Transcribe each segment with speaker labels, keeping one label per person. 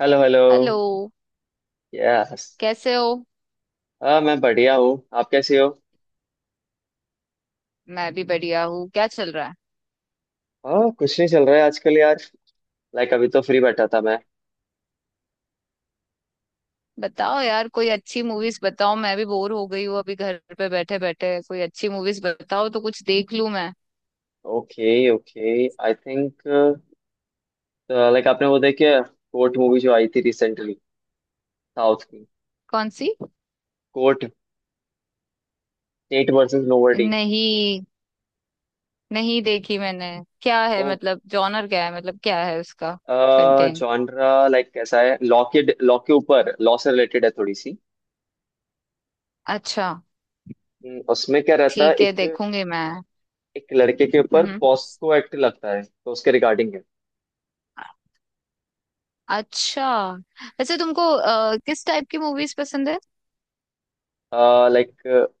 Speaker 1: Hello hello.
Speaker 2: Hello.
Speaker 1: Yes.
Speaker 2: कैसे हो?
Speaker 1: हाँ, मैं बढ़िया हूँ, आप कैसे हो?
Speaker 2: मैं भी बढ़िया हूँ। क्या चल रहा है?
Speaker 1: हाँ, कुछ नहीं चल रहा है आजकल यार। लाइक, अभी तो फ्री बैठा था मैं।
Speaker 2: बताओ यार, कोई अच्छी मूवीज बताओ। मैं भी बोर हो गई हूँ अभी घर पे बैठे बैठे। कोई अच्छी मूवीज बताओ तो कुछ देख लूँ मैं।
Speaker 1: Okay, okay, I think, like आपने वो देखी है कोर्ट मूवी, जो आई थी रिसेंटली, साउथ की।
Speaker 2: कौन सी?
Speaker 1: कोर्ट। State versus nobody.
Speaker 2: नहीं, नहीं देखी मैंने। क्या है,
Speaker 1: ओ,
Speaker 2: मतलब जॉनर क्या है, मतलब क्या है उसका कंटेंट?
Speaker 1: जॉनरा लाइक कैसा है, लॉ के ऊपर, लॉ से रिलेटेड है थोड़ी सी।
Speaker 2: अच्छा,
Speaker 1: उसमें क्या रहता है,
Speaker 2: ठीक है
Speaker 1: एक
Speaker 2: देखूंगी मैं।
Speaker 1: एक लड़के के ऊपर
Speaker 2: हम्म।
Speaker 1: पॉस्को एक्ट लगता है तो उसके रिगार्डिंग।
Speaker 2: अच्छा, वैसे तुमको किस टाइप की मूवीज पसंद है?
Speaker 1: लाइक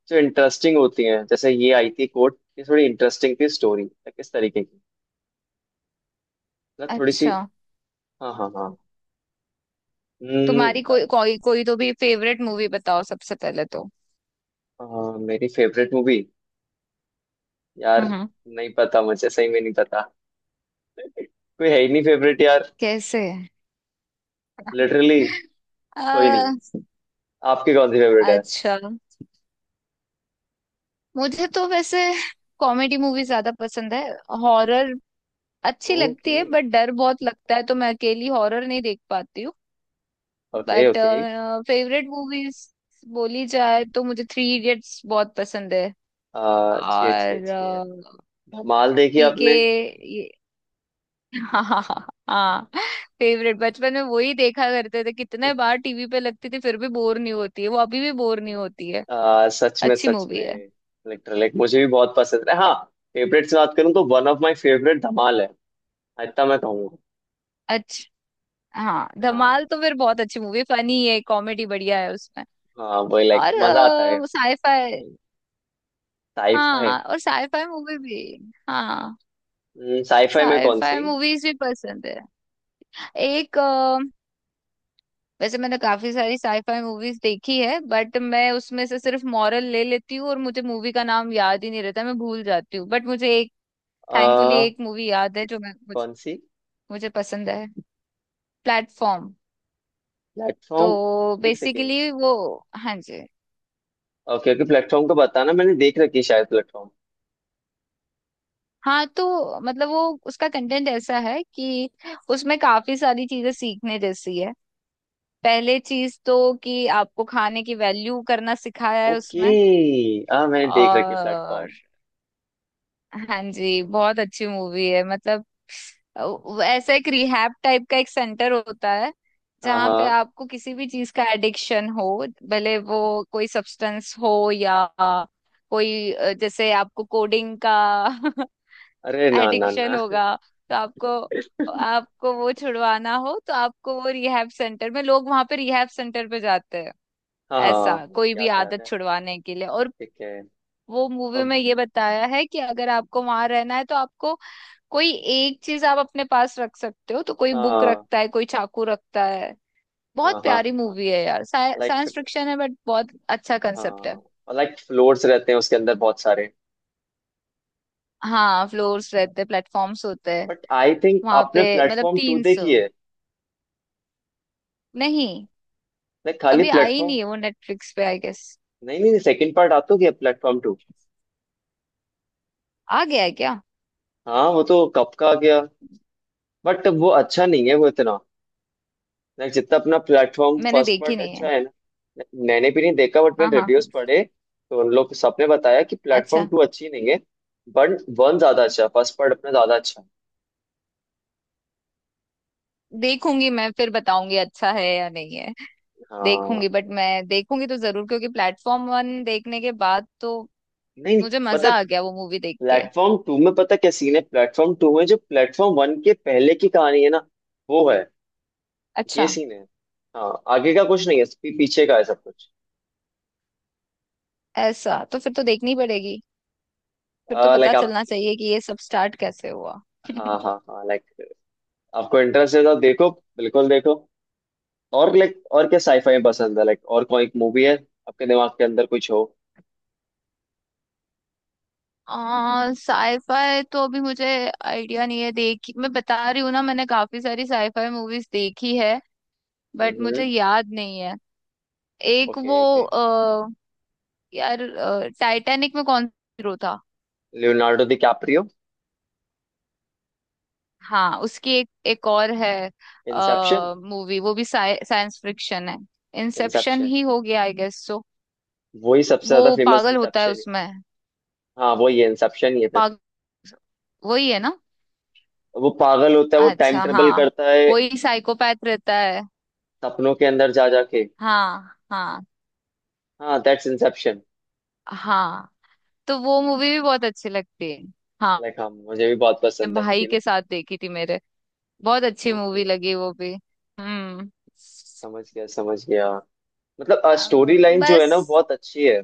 Speaker 1: जो इंटरेस्टिंग होती हैं, जैसे ये आई थी कोर्ट, ये थोड़ी इंटरेस्टिंग थी स्टोरी, किस तरीके की, मतलब थोड़ी सी।
Speaker 2: अच्छा।
Speaker 1: हाँ, हाँ, हाँ। हम्म,
Speaker 2: तुम्हारी
Speaker 1: अ,
Speaker 2: कोई कोई कोई तो भी फेवरेट मूवी बताओ सबसे पहले तो।
Speaker 1: अ, मेरी फेवरेट मूवी यार,
Speaker 2: हम्म।
Speaker 1: नहीं पता, मुझे सही में नहीं पता। कोई है ही नहीं फेवरेट यार।
Speaker 2: कैसे?
Speaker 1: लिटरली कोई नहीं
Speaker 2: आ,
Speaker 1: है। आपकी कौन सी फेवरेट है?
Speaker 2: अच्छा, मुझे तो वैसे कॉमेडी मूवी ज्यादा पसंद है। हॉरर अच्छी लगती
Speaker 1: ओके,
Speaker 2: है, बट डर बहुत लगता है तो मैं अकेली हॉरर नहीं देख पाती हूँ।
Speaker 1: Okay,
Speaker 2: but
Speaker 1: okay.
Speaker 2: Favourite movies बोली जाए तो मुझे थ्री इडियट्स बहुत पसंद है।
Speaker 1: अच्छी, अच्छी,
Speaker 2: और
Speaker 1: अच्छी है। धमाल देखी
Speaker 2: पीके
Speaker 1: आपने?
Speaker 2: ये हाँ। हाँ। फेवरेट बचपन में वही देखा करते थे, कितने बार टीवी पे लगती थी फिर भी बोर नहीं होती है वो, अभी भी बोर नहीं होती है।
Speaker 1: सच में,
Speaker 2: अच्छी
Speaker 1: सच
Speaker 2: मूवी है।
Speaker 1: में। लिटरली मुझे भी बहुत पसंद है, हाँ। फेवरेट से बात करूँ तो one of my favourite Dhamaal है, इतना मैं कहूंगा।
Speaker 2: अच्छा। हाँ
Speaker 1: हाँ,
Speaker 2: धमाल तो फिर बहुत अच्छी मूवी, फनी है, कॉमेडी बढ़िया है उसमें।
Speaker 1: हाँ, वही लाइक
Speaker 2: और
Speaker 1: मजा आता है।
Speaker 2: साईफाई।
Speaker 1: साईफाई।
Speaker 2: हाँ, और साईफाई मूवी भी। हाँ,
Speaker 1: साईफाई में कौन
Speaker 2: साईफाई
Speaker 1: सी?
Speaker 2: मूवीज भी पसंद है। एक वैसे मैंने काफी सारी साईफाई मूवीज देखी है, बट मैं उसमें से सिर्फ मॉरल ले लेती हूँ और मुझे मूवी का नाम याद ही नहीं रहता, मैं भूल जाती हूँ। बट मुझे एक थैंकफुली
Speaker 1: आ,
Speaker 2: एक मूवी याद है जो मैं मुझे,
Speaker 1: कौन सी?
Speaker 2: मुझे पसंद है। प्लेटफॉर्म।
Speaker 1: प्लेटफॉर्म।
Speaker 2: तो
Speaker 1: एक सेकेंड।
Speaker 2: बेसिकली वो हाँ जी,
Speaker 1: ओके, ओके, प्लेटफॉर्म को बताना, मैंने देख रखी है शायद प्लेटफॉर्म।
Speaker 2: हाँ तो मतलब वो उसका कंटेंट ऐसा है कि उसमें काफी सारी चीजें सीखने जैसी है। पहले चीज तो कि आपको खाने की वैल्यू करना सिखाया है
Speaker 1: ओके।
Speaker 2: उसमें।
Speaker 1: हाँ, मैंने देख रखी है
Speaker 2: और
Speaker 1: प्लेटफॉर्म।
Speaker 2: हाँ जी, बहुत अच्छी मूवी है मतलब। वो ऐसा एक रिहैब टाइप का एक सेंटर होता है
Speaker 1: हाँ,
Speaker 2: जहाँ पे
Speaker 1: हाँ।
Speaker 2: आपको किसी भी चीज का एडिक्शन हो, भले वो कोई सब्सटेंस हो या कोई जैसे आपको कोडिंग का
Speaker 1: अरे, ना, ना,
Speaker 2: एडिक्शन
Speaker 1: ना।
Speaker 2: होगा तो आपको आपको वो छुड़वाना हो तो आपको वो रिहैब सेंटर में, लोग वहां पे रिहैब सेंटर पे जाते हैं
Speaker 1: हाँ, हाँ,
Speaker 2: ऐसा
Speaker 1: हाँ,
Speaker 2: कोई भी
Speaker 1: याद है, याद
Speaker 2: आदत
Speaker 1: है,
Speaker 2: छुड़वाने के लिए। और
Speaker 1: ठीक है।
Speaker 2: वो मूवी
Speaker 1: अब।
Speaker 2: में ये बताया है कि अगर आपको वहां रहना है तो आपको कोई एक चीज आप अपने पास रख सकते हो, तो कोई बुक
Speaker 1: हाँ,
Speaker 2: रखता है, कोई चाकू रखता है।
Speaker 1: हाँ,
Speaker 2: बहुत
Speaker 1: हाँ,
Speaker 2: प्यारी
Speaker 1: हाँ
Speaker 2: मूवी है यार,
Speaker 1: लाइक,
Speaker 2: साइंस फिक्शन है बट बहुत अच्छा कंसेप्ट है।
Speaker 1: हाँ लाइक, फ्लोर्स रहते हैं उसके अंदर बहुत सारे।
Speaker 2: हाँ, फ्लोर्स रहते, प्लेटफॉर्म्स होते हैं
Speaker 1: बट आई थिंक
Speaker 2: वहां
Speaker 1: आपने
Speaker 2: पे, मतलब
Speaker 1: प्लेटफॉर्म टू
Speaker 2: 300।
Speaker 1: देखी है,
Speaker 2: नहीं,
Speaker 1: लाइक खाली
Speaker 2: अभी आई
Speaker 1: प्लेटफॉर्म।
Speaker 2: नहीं है वो नेटफ्लिक्स पे आई गेस।
Speaker 1: नहीं, नहीं, सेकंड पार्ट आता क्या प्लेटफॉर्म टू?
Speaker 2: आ गया है क्या?
Speaker 1: हाँ, वो तो कब का आ गया। बट वो अच्छा नहीं है वो इतना, लाइक जितना अपना प्लेटफॉर्म
Speaker 2: मैंने
Speaker 1: फर्स्ट
Speaker 2: देखी
Speaker 1: पार्ट
Speaker 2: नहीं
Speaker 1: अच्छा
Speaker 2: है।
Speaker 1: है ना। Like, मैंने भी नहीं देखा, बट
Speaker 2: हाँ,
Speaker 1: मैंने
Speaker 2: हाँ।
Speaker 1: रिव्यूज पढ़े, तो उन लोग सबने बताया कि प्लेटफॉर्म
Speaker 2: अच्छा,
Speaker 1: टू अच्छी नहीं है। बट वन ज्यादा अच्छा, फर्स्ट पार्ट अपना ज्यादा अच्छा है।
Speaker 2: देखूंगी मैं फिर बताऊंगी अच्छा है या नहीं है।
Speaker 1: हाँ।
Speaker 2: देखूंगी, बट मैं देखूंगी तो जरूर क्योंकि प्लेटफॉर्म 1 देखने के बाद तो
Speaker 1: नहीं, नहीं,
Speaker 2: मुझे
Speaker 1: पता है।
Speaker 2: मजा आ गया वो मूवी देख के।
Speaker 1: प्लेटफॉर्म टू में पता क्या सीन है? प्लेटफॉर्म टू में जो प्लेटफॉर्म वन के पहले की कहानी है ना, वो है। ये
Speaker 2: अच्छा,
Speaker 1: सीन है। हाँ, आगे का कुछ नहीं है, पीछे का है सब कुछ।
Speaker 2: ऐसा तो फिर तो देखनी पड़ेगी, फिर तो पता
Speaker 1: लाइक आप।
Speaker 2: चलना चाहिए कि ये सब स्टार्ट कैसे हुआ।
Speaker 1: हाँ, हाँ, हाँ लाइक, आपको इंटरेस्ट है तो देखो, बिल्कुल देखो। और लाइक, और क्या साईफाई में पसंद है लाइक, और कोई मूवी है आपके दिमाग के अंदर कुछ हो?
Speaker 2: साईफाई तो अभी मुझे आइडिया नहीं है देखी, मैं बता रही हूँ ना मैंने काफी सारी साईफाई मूवीज देखी है बट मुझे
Speaker 1: हम्म।
Speaker 2: याद नहीं है। एक वो
Speaker 1: ओके, ओके।
Speaker 2: आ, यार टाइटैनिक में कौन हीरो था?
Speaker 1: Leonardo DiCaprio.
Speaker 2: हाँ, उसकी एक एक और है
Speaker 1: इंसेप्शन।
Speaker 2: मूवी, वो भी साइंस फिक्शन है। इंसेप्शन
Speaker 1: इंसेप्शन
Speaker 2: ही हो गया आई गेस सो।
Speaker 1: वही सबसे ज्यादा
Speaker 2: वो
Speaker 1: फेमस
Speaker 2: पागल होता है
Speaker 1: इंसेप्शन है।
Speaker 2: उसमें।
Speaker 1: हाँ, वही है, इंसेप्शन ही है फिर।
Speaker 2: पागल, वही है ना?
Speaker 1: वो पागल होता है, वो टाइम
Speaker 2: अच्छा
Speaker 1: ट्रेवल
Speaker 2: हाँ,
Speaker 1: करता है
Speaker 2: वही साइकोपैथ रहता है।
Speaker 1: सपनों के अंदर जा जाके।
Speaker 2: हाँ, हाँ,
Speaker 1: हाँ, दैट्स इंसेप्शन।
Speaker 2: हाँ। तो वो मूवी भी बहुत अच्छी लगती है। हाँ
Speaker 1: लाइक, हाँ, मुझे भी बहुत
Speaker 2: मैं
Speaker 1: पसंद है मूवी
Speaker 2: भाई के
Speaker 1: लाइक।
Speaker 2: साथ देखी थी मेरे, बहुत अच्छी
Speaker 1: ओके,
Speaker 2: मूवी लगी वो भी। हम्म।
Speaker 1: समझ गया, समझ गया। मतलब स्टोरी लाइन जो है
Speaker 2: बस,
Speaker 1: ना, वो बहुत अच्छी है।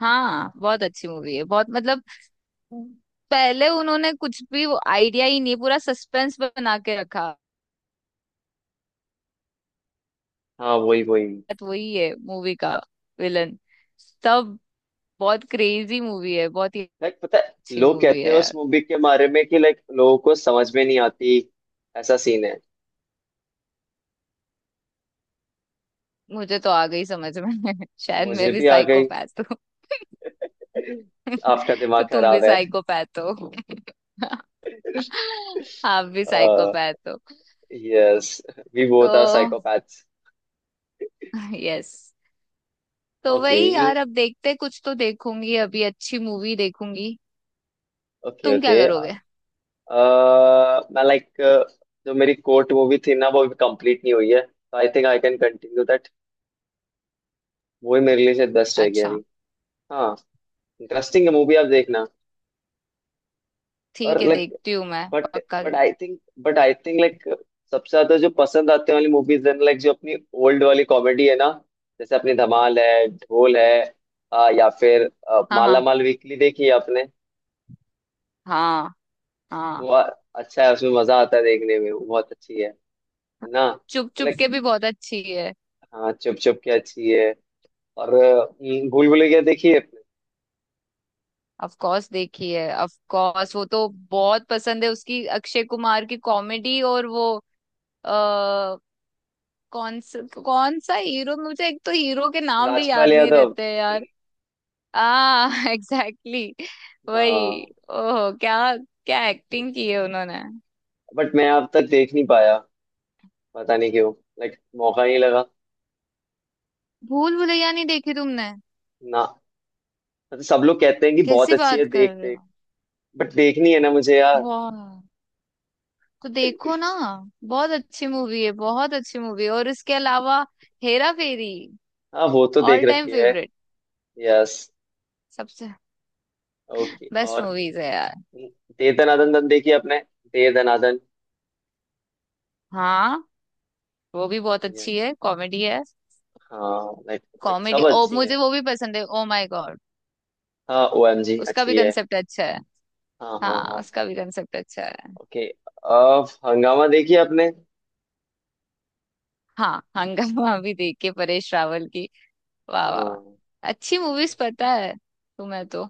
Speaker 2: हाँ बहुत अच्छी मूवी है, बहुत मतलब पहले उन्होंने कुछ भी वो आइडिया ही नहीं, पूरा सस्पेंस बना के रखा,
Speaker 1: हाँ, वही, वही।
Speaker 2: तो वही है मूवी का विलन सब। बहुत क्रेजी मूवी है, बहुत ही
Speaker 1: लाइक पता है,
Speaker 2: अच्छी
Speaker 1: लोग
Speaker 2: मूवी
Speaker 1: कहते
Speaker 2: है
Speaker 1: हैं उस
Speaker 2: यार।
Speaker 1: मूवी के बारे में कि लाइक लोगों को समझ में नहीं आती, ऐसा सीन है।
Speaker 2: मुझे तो आ गई समझ में शायद मैं
Speaker 1: मुझे
Speaker 2: भी
Speaker 1: भी आ गई।
Speaker 2: साइकोपैथ हूँ।
Speaker 1: आपका दिमाग
Speaker 2: तो तुम भी
Speaker 1: खराब है।
Speaker 2: साइकोपैथ हो। आप भी साइकोपैथ हो।
Speaker 1: यस, वी
Speaker 2: तो
Speaker 1: बोथ आर साइकोपैथ्स।
Speaker 2: यस। तो
Speaker 1: ओके,
Speaker 2: वही यार, अब देखते कुछ तो देखूंगी, अभी अच्छी मूवी देखूंगी।
Speaker 1: ओके,
Speaker 2: तुम क्या
Speaker 1: ओके।
Speaker 2: करोगे?
Speaker 1: मैं लाइक, जो मेरी कोर्ट मूवी थी ना, वो अभी कंप्लीट नहीं हुई है, तो I think I can continue that. वो ही मेरे लिए से 10 रह गया
Speaker 2: अच्छा,
Speaker 1: अभी। हाँ। इंटरेस्टिंग है मूवी, आप देखना।
Speaker 2: ठीक
Speaker 1: और
Speaker 2: है
Speaker 1: लाइक,
Speaker 2: देखती हूँ मैं।
Speaker 1: बट
Speaker 2: पक्का।
Speaker 1: But I think but I think like, सबसे ज्यादा जो पसंद आते वाली मूवीज है लाइक, जो अपनी ओल्ड वाली कॉमेडी है ना, जैसे अपनी धमाल है, ढोल है, या फिर
Speaker 2: हाँ,
Speaker 1: माला
Speaker 2: हाँ,
Speaker 1: माल वीकली देखी है आपने?
Speaker 2: हाँ,
Speaker 1: वो
Speaker 2: हाँ।
Speaker 1: अच्छा है, उसमें मजा आता है देखने में, वो बहुत अच्छी है ना?
Speaker 2: चुप चुप
Speaker 1: लाइक,
Speaker 2: के भी बहुत अच्छी है।
Speaker 1: हाँ, चुप चुप के अच्छी है। और भूल भुलैया देखी है आपने?
Speaker 2: ऑफ कोर्स देखी है, ऑफ कोर्स, वो तो बहुत पसंद है, उसकी अक्षय कुमार की कॉमेडी, और वो आ, कौन सा हीरो, मुझे एक तो हीरो के नाम भी
Speaker 1: राजपाल
Speaker 2: याद नहीं
Speaker 1: यादव।
Speaker 2: रहते हैं यार। आ। एग्जैक्टली, वही।
Speaker 1: हाँ,
Speaker 2: ओह, क्या क्या एक्टिंग की है उन्होंने!
Speaker 1: बट मैं अब तक देख नहीं पाया, पता नहीं क्यों, लाइक मौका नहीं लगा,
Speaker 2: भूल भुलैया नहीं देखी तुमने?
Speaker 1: ना। मतलब सब लोग कहते हैं कि बहुत
Speaker 2: कैसी
Speaker 1: अच्छी है,
Speaker 2: बात कर
Speaker 1: देख,
Speaker 2: रहे
Speaker 1: देख,
Speaker 2: हो!
Speaker 1: बट देखनी है ना मुझे यार।
Speaker 2: वाह! तो देखो ना, बहुत अच्छी मूवी है, बहुत अच्छी मूवी है। और इसके अलावा हेरा फेरी,
Speaker 1: हाँ, वो तो देख
Speaker 2: ऑल टाइम
Speaker 1: रखी है।
Speaker 2: Favourite,
Speaker 1: yes.
Speaker 2: सबसे
Speaker 1: ओके,
Speaker 2: बेस्ट
Speaker 1: और
Speaker 2: मूवीज है यार।
Speaker 1: दे दनादन दन देखी आपने, दे दनादन?
Speaker 2: हाँ, वो भी बहुत
Speaker 1: Yes,
Speaker 2: अच्छी है, कॉमेडी है।
Speaker 1: हाँ, लाइक लाइक
Speaker 2: कॉमेडी
Speaker 1: सब
Speaker 2: ओ
Speaker 1: अच्छी है।
Speaker 2: मुझे वो भी पसंद है, ओ माय गॉड।
Speaker 1: हाँ, OMG
Speaker 2: उसका भी
Speaker 1: अच्छी है।
Speaker 2: कंसेप्ट अच्छा है।
Speaker 1: हाँ, हाँ,
Speaker 2: हाँ,
Speaker 1: हाँ।
Speaker 2: उसका भी कंसेप्ट अच्छा है।
Speaker 1: ओके, अब हंगामा देखी आपने?
Speaker 2: हाँ, हंगामा भी देखिए परेश रावल की। वाह वाह वाह।
Speaker 1: हाँ।
Speaker 2: अच्छी मूवीज, पता है तो मैं तो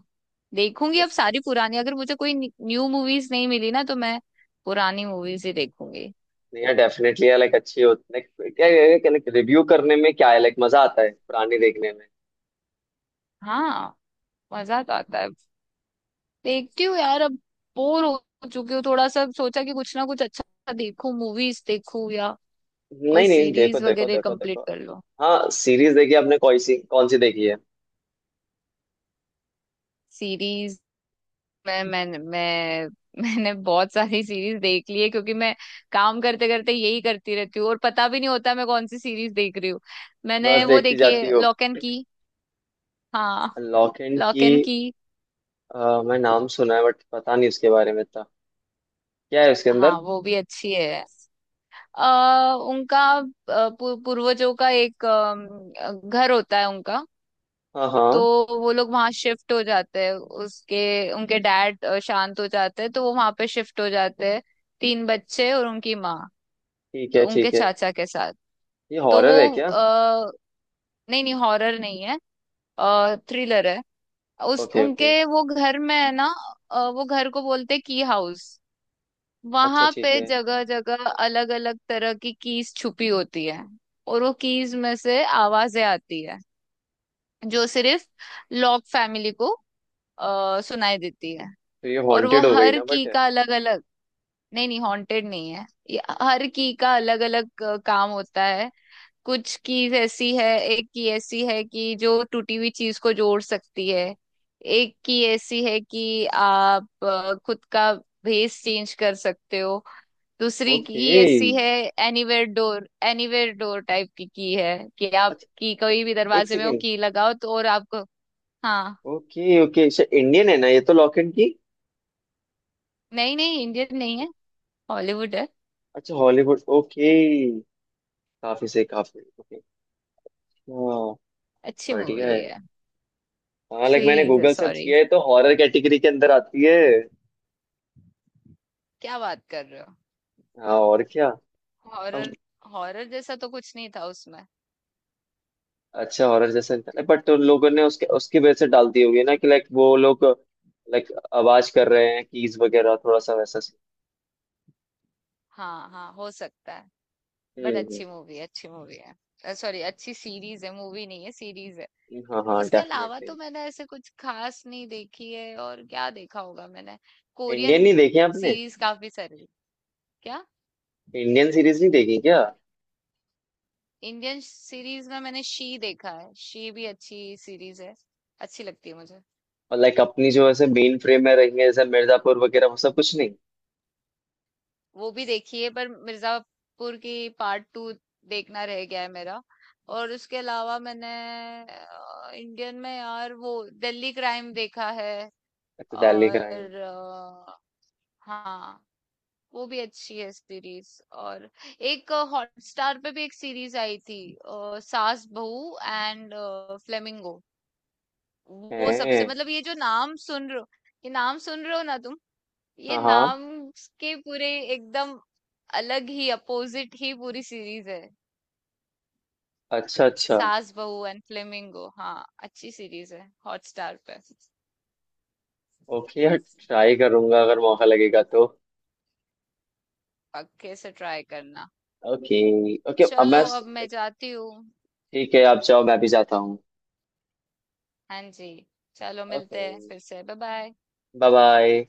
Speaker 2: देखूंगी अब
Speaker 1: लाइक,
Speaker 2: सारी पुरानी। अगर मुझे कोई न्यू मूवीज नहीं मिली ना तो मैं पुरानी मूवीज ही देखूंगी।
Speaker 1: नहीं यार, डेफिनेटली है लाइक, अच्छी होती है। Like, क्या लाइक, रिव्यू करने में क्या है लाइक, मजा आता है पुरानी देखने में।
Speaker 2: हाँ, मजा तो आता है। देखती हूँ यार अब, बोर हो चुकी हूँ थोड़ा सा, सोचा कि कुछ ना कुछ अच्छा देखूं, मूवीज देखूं या कोई
Speaker 1: नहीं, नहीं, देखो,
Speaker 2: सीरीज
Speaker 1: देखो,
Speaker 2: वगैरह
Speaker 1: देखो, देखो।
Speaker 2: कंप्लीट कर लो।
Speaker 1: हाँ, सीरीज देखी आपने? कौन सी देखी है?
Speaker 2: सीरीज। मैं मैंने बहुत सारी सीरीज देख ली है क्योंकि मैं काम करते करते यही करती रहती हूँ और पता भी नहीं होता मैं कौन सी सीरीज देख रही हूँ।
Speaker 1: बस
Speaker 2: मैंने वो
Speaker 1: देखती
Speaker 2: देखी
Speaker 1: जाती
Speaker 2: है
Speaker 1: हो।
Speaker 2: Locke and Key. हाँ,
Speaker 1: Locke and
Speaker 2: Locke
Speaker 1: Key.
Speaker 2: And की।
Speaker 1: मैं नाम सुना है, बट पता नहीं उसके बारे में था, क्या है उसके अंदर?
Speaker 2: हाँ, वो भी अच्छी है। उनका पूर्वजों का एक घर होता है उनका।
Speaker 1: हाँ,
Speaker 2: तो
Speaker 1: हाँ।
Speaker 2: वो लोग वहां शिफ्ट हो जाते हैं, उसके उनके डैड शांत हो जाते हैं तो वो वहां पे शिफ्ट हो जाते हैं, तीन बच्चे और उनकी माँ,
Speaker 1: ठीक है,
Speaker 2: तो उनके
Speaker 1: ठीक है।
Speaker 2: चाचा के साथ।
Speaker 1: ये
Speaker 2: तो वो
Speaker 1: हॉरर है क्या?
Speaker 2: नहीं नहीं, हॉरर नहीं है, थ्रिलर है। उस
Speaker 1: ओके, ओके।
Speaker 2: उनके वो घर में है ना, वो घर को बोलते की हाउस।
Speaker 1: अच्छा,
Speaker 2: वहां पे
Speaker 1: ठीक है।
Speaker 2: जगह जगह अलग अलग तरह की कीज छुपी होती है। और वो कीज में से आवाजें आती है जो सिर्फ लॉक फैमिली को सुनाई देती है।
Speaker 1: तो ये
Speaker 2: और वो
Speaker 1: हॉन्टेड हो गई
Speaker 2: हर
Speaker 1: ना, बट।
Speaker 2: की का अलग अलग, नहीं नहीं, हॉन्टेड नहीं है, ये हर की का अलग अलग काम होता है। कुछ चीज ऐसी है, एक की ऐसी है कि जो टूटी हुई चीज को जोड़ सकती है, एक की ऐसी है कि आप खुद का भेस चेंज कर सकते हो, दूसरी
Speaker 1: ओके,
Speaker 2: की ऐसी है anywhere door, anywhere door type की है कि आप
Speaker 1: अच्छा,
Speaker 2: की कोई भी
Speaker 1: एक
Speaker 2: दरवाजे में वो
Speaker 1: सेकेंड।
Speaker 2: की लगाओ तो और आपको। हाँ।
Speaker 1: Okay, okay. इंडियन है ना ये तो, लॉक एंड की?
Speaker 2: नहीं नहीं, इंडियन नहीं है, हॉलीवुड है।
Speaker 1: अच्छा, हॉलीवुड, ओके। काफी सही, काफी ओके। हाँ,
Speaker 2: अच्छी
Speaker 1: बढ़िया है।
Speaker 2: मूवी है,
Speaker 1: हाँ लाइक, मैंने
Speaker 2: सीरीज है
Speaker 1: गूगल सर्च
Speaker 2: सॉरी।
Speaker 1: किया है तो हॉरर कैटेगरी के अंदर आती है।
Speaker 2: क्या बात कर रहे हो!
Speaker 1: हाँ, और क्या? हम।
Speaker 2: हॉरर? हॉरर जैसा तो कुछ नहीं था उसमें।
Speaker 1: अच्छा, हॉरर जैसा निकला, बट उन लोगों ने उसके उसकी वजह से डाल दी होगी ना, कि लाइक वो लोग, लाइक आवाज कर रहे हैं कीज वगैरह, थोड़ा सा वैसा सीन।
Speaker 2: हाँ हाँ, हो सकता है। बट
Speaker 1: हम्म।
Speaker 2: अच्छी मूवी है, अच्छी मूवी है सॉरी, अच्छी सीरीज है, मूवी नहीं है सीरीज है।
Speaker 1: हाँ, हाँ,
Speaker 2: उसके अलावा तो
Speaker 1: डेफिनेटली।
Speaker 2: मैंने ऐसे कुछ खास नहीं देखी है, और क्या देखा होगा मैंने,
Speaker 1: इंडियन
Speaker 2: कोरियन
Speaker 1: नहीं देखे आपने?
Speaker 2: सीरीज काफी सारी। क्या?
Speaker 1: इंडियन सीरीज नहीं देखी क्या?
Speaker 2: इंडियन सीरीज में मैंने शी देखा है, शी भी अच्छी सीरीज है, अच्छी लगती है मुझे।
Speaker 1: और लाइक अपनी जो ऐसे मेन फ्रेम में रही है, जैसे मिर्जापुर वगैरह, वो सब कुछ नहीं?
Speaker 2: वो भी देखी है, पर मिर्जापुर की पार्ट 2 देखना रह गया है मेरा। और उसके अलावा मैंने इंडियन में यार वो दिल्ली क्राइम देखा है।
Speaker 1: अच्छा, दिल्ली क्राइम।
Speaker 2: और हाँ, वो भी अच्छी है सीरीज। और एक हॉटस्टार पे भी एक सीरीज आई थी, सास बहू एंड फ्लेमिंगो। वो सबसे,
Speaker 1: है।
Speaker 2: मतलब ये जो नाम सुन रहे हो, ये नाम सुन रहे हो ना तुम, ये
Speaker 1: हाँ, हाँ।
Speaker 2: नाम के पूरे एकदम अलग ही, अपोजिट ही पूरी सीरीज है।
Speaker 1: अच्छा, अच्छा।
Speaker 2: सास बहू एंड फ्लेमिंगो, हाँ अच्छी सीरीज है हॉटस्टार पे।
Speaker 1: ओके यार, ट्राई करूंगा अगर मौका लगेगा तो।
Speaker 2: पक्के से ट्राई करना।
Speaker 1: ओके। ओके, अब
Speaker 2: चलो
Speaker 1: मैं।
Speaker 2: अब मैं जाती हूँ।
Speaker 1: ठीक है, आप जाओ, मैं भी जाता हूँ।
Speaker 2: हाँ जी, चलो मिलते
Speaker 1: ओके।
Speaker 2: हैं फिर से, बाय-बाय।
Speaker 1: Bye, bye.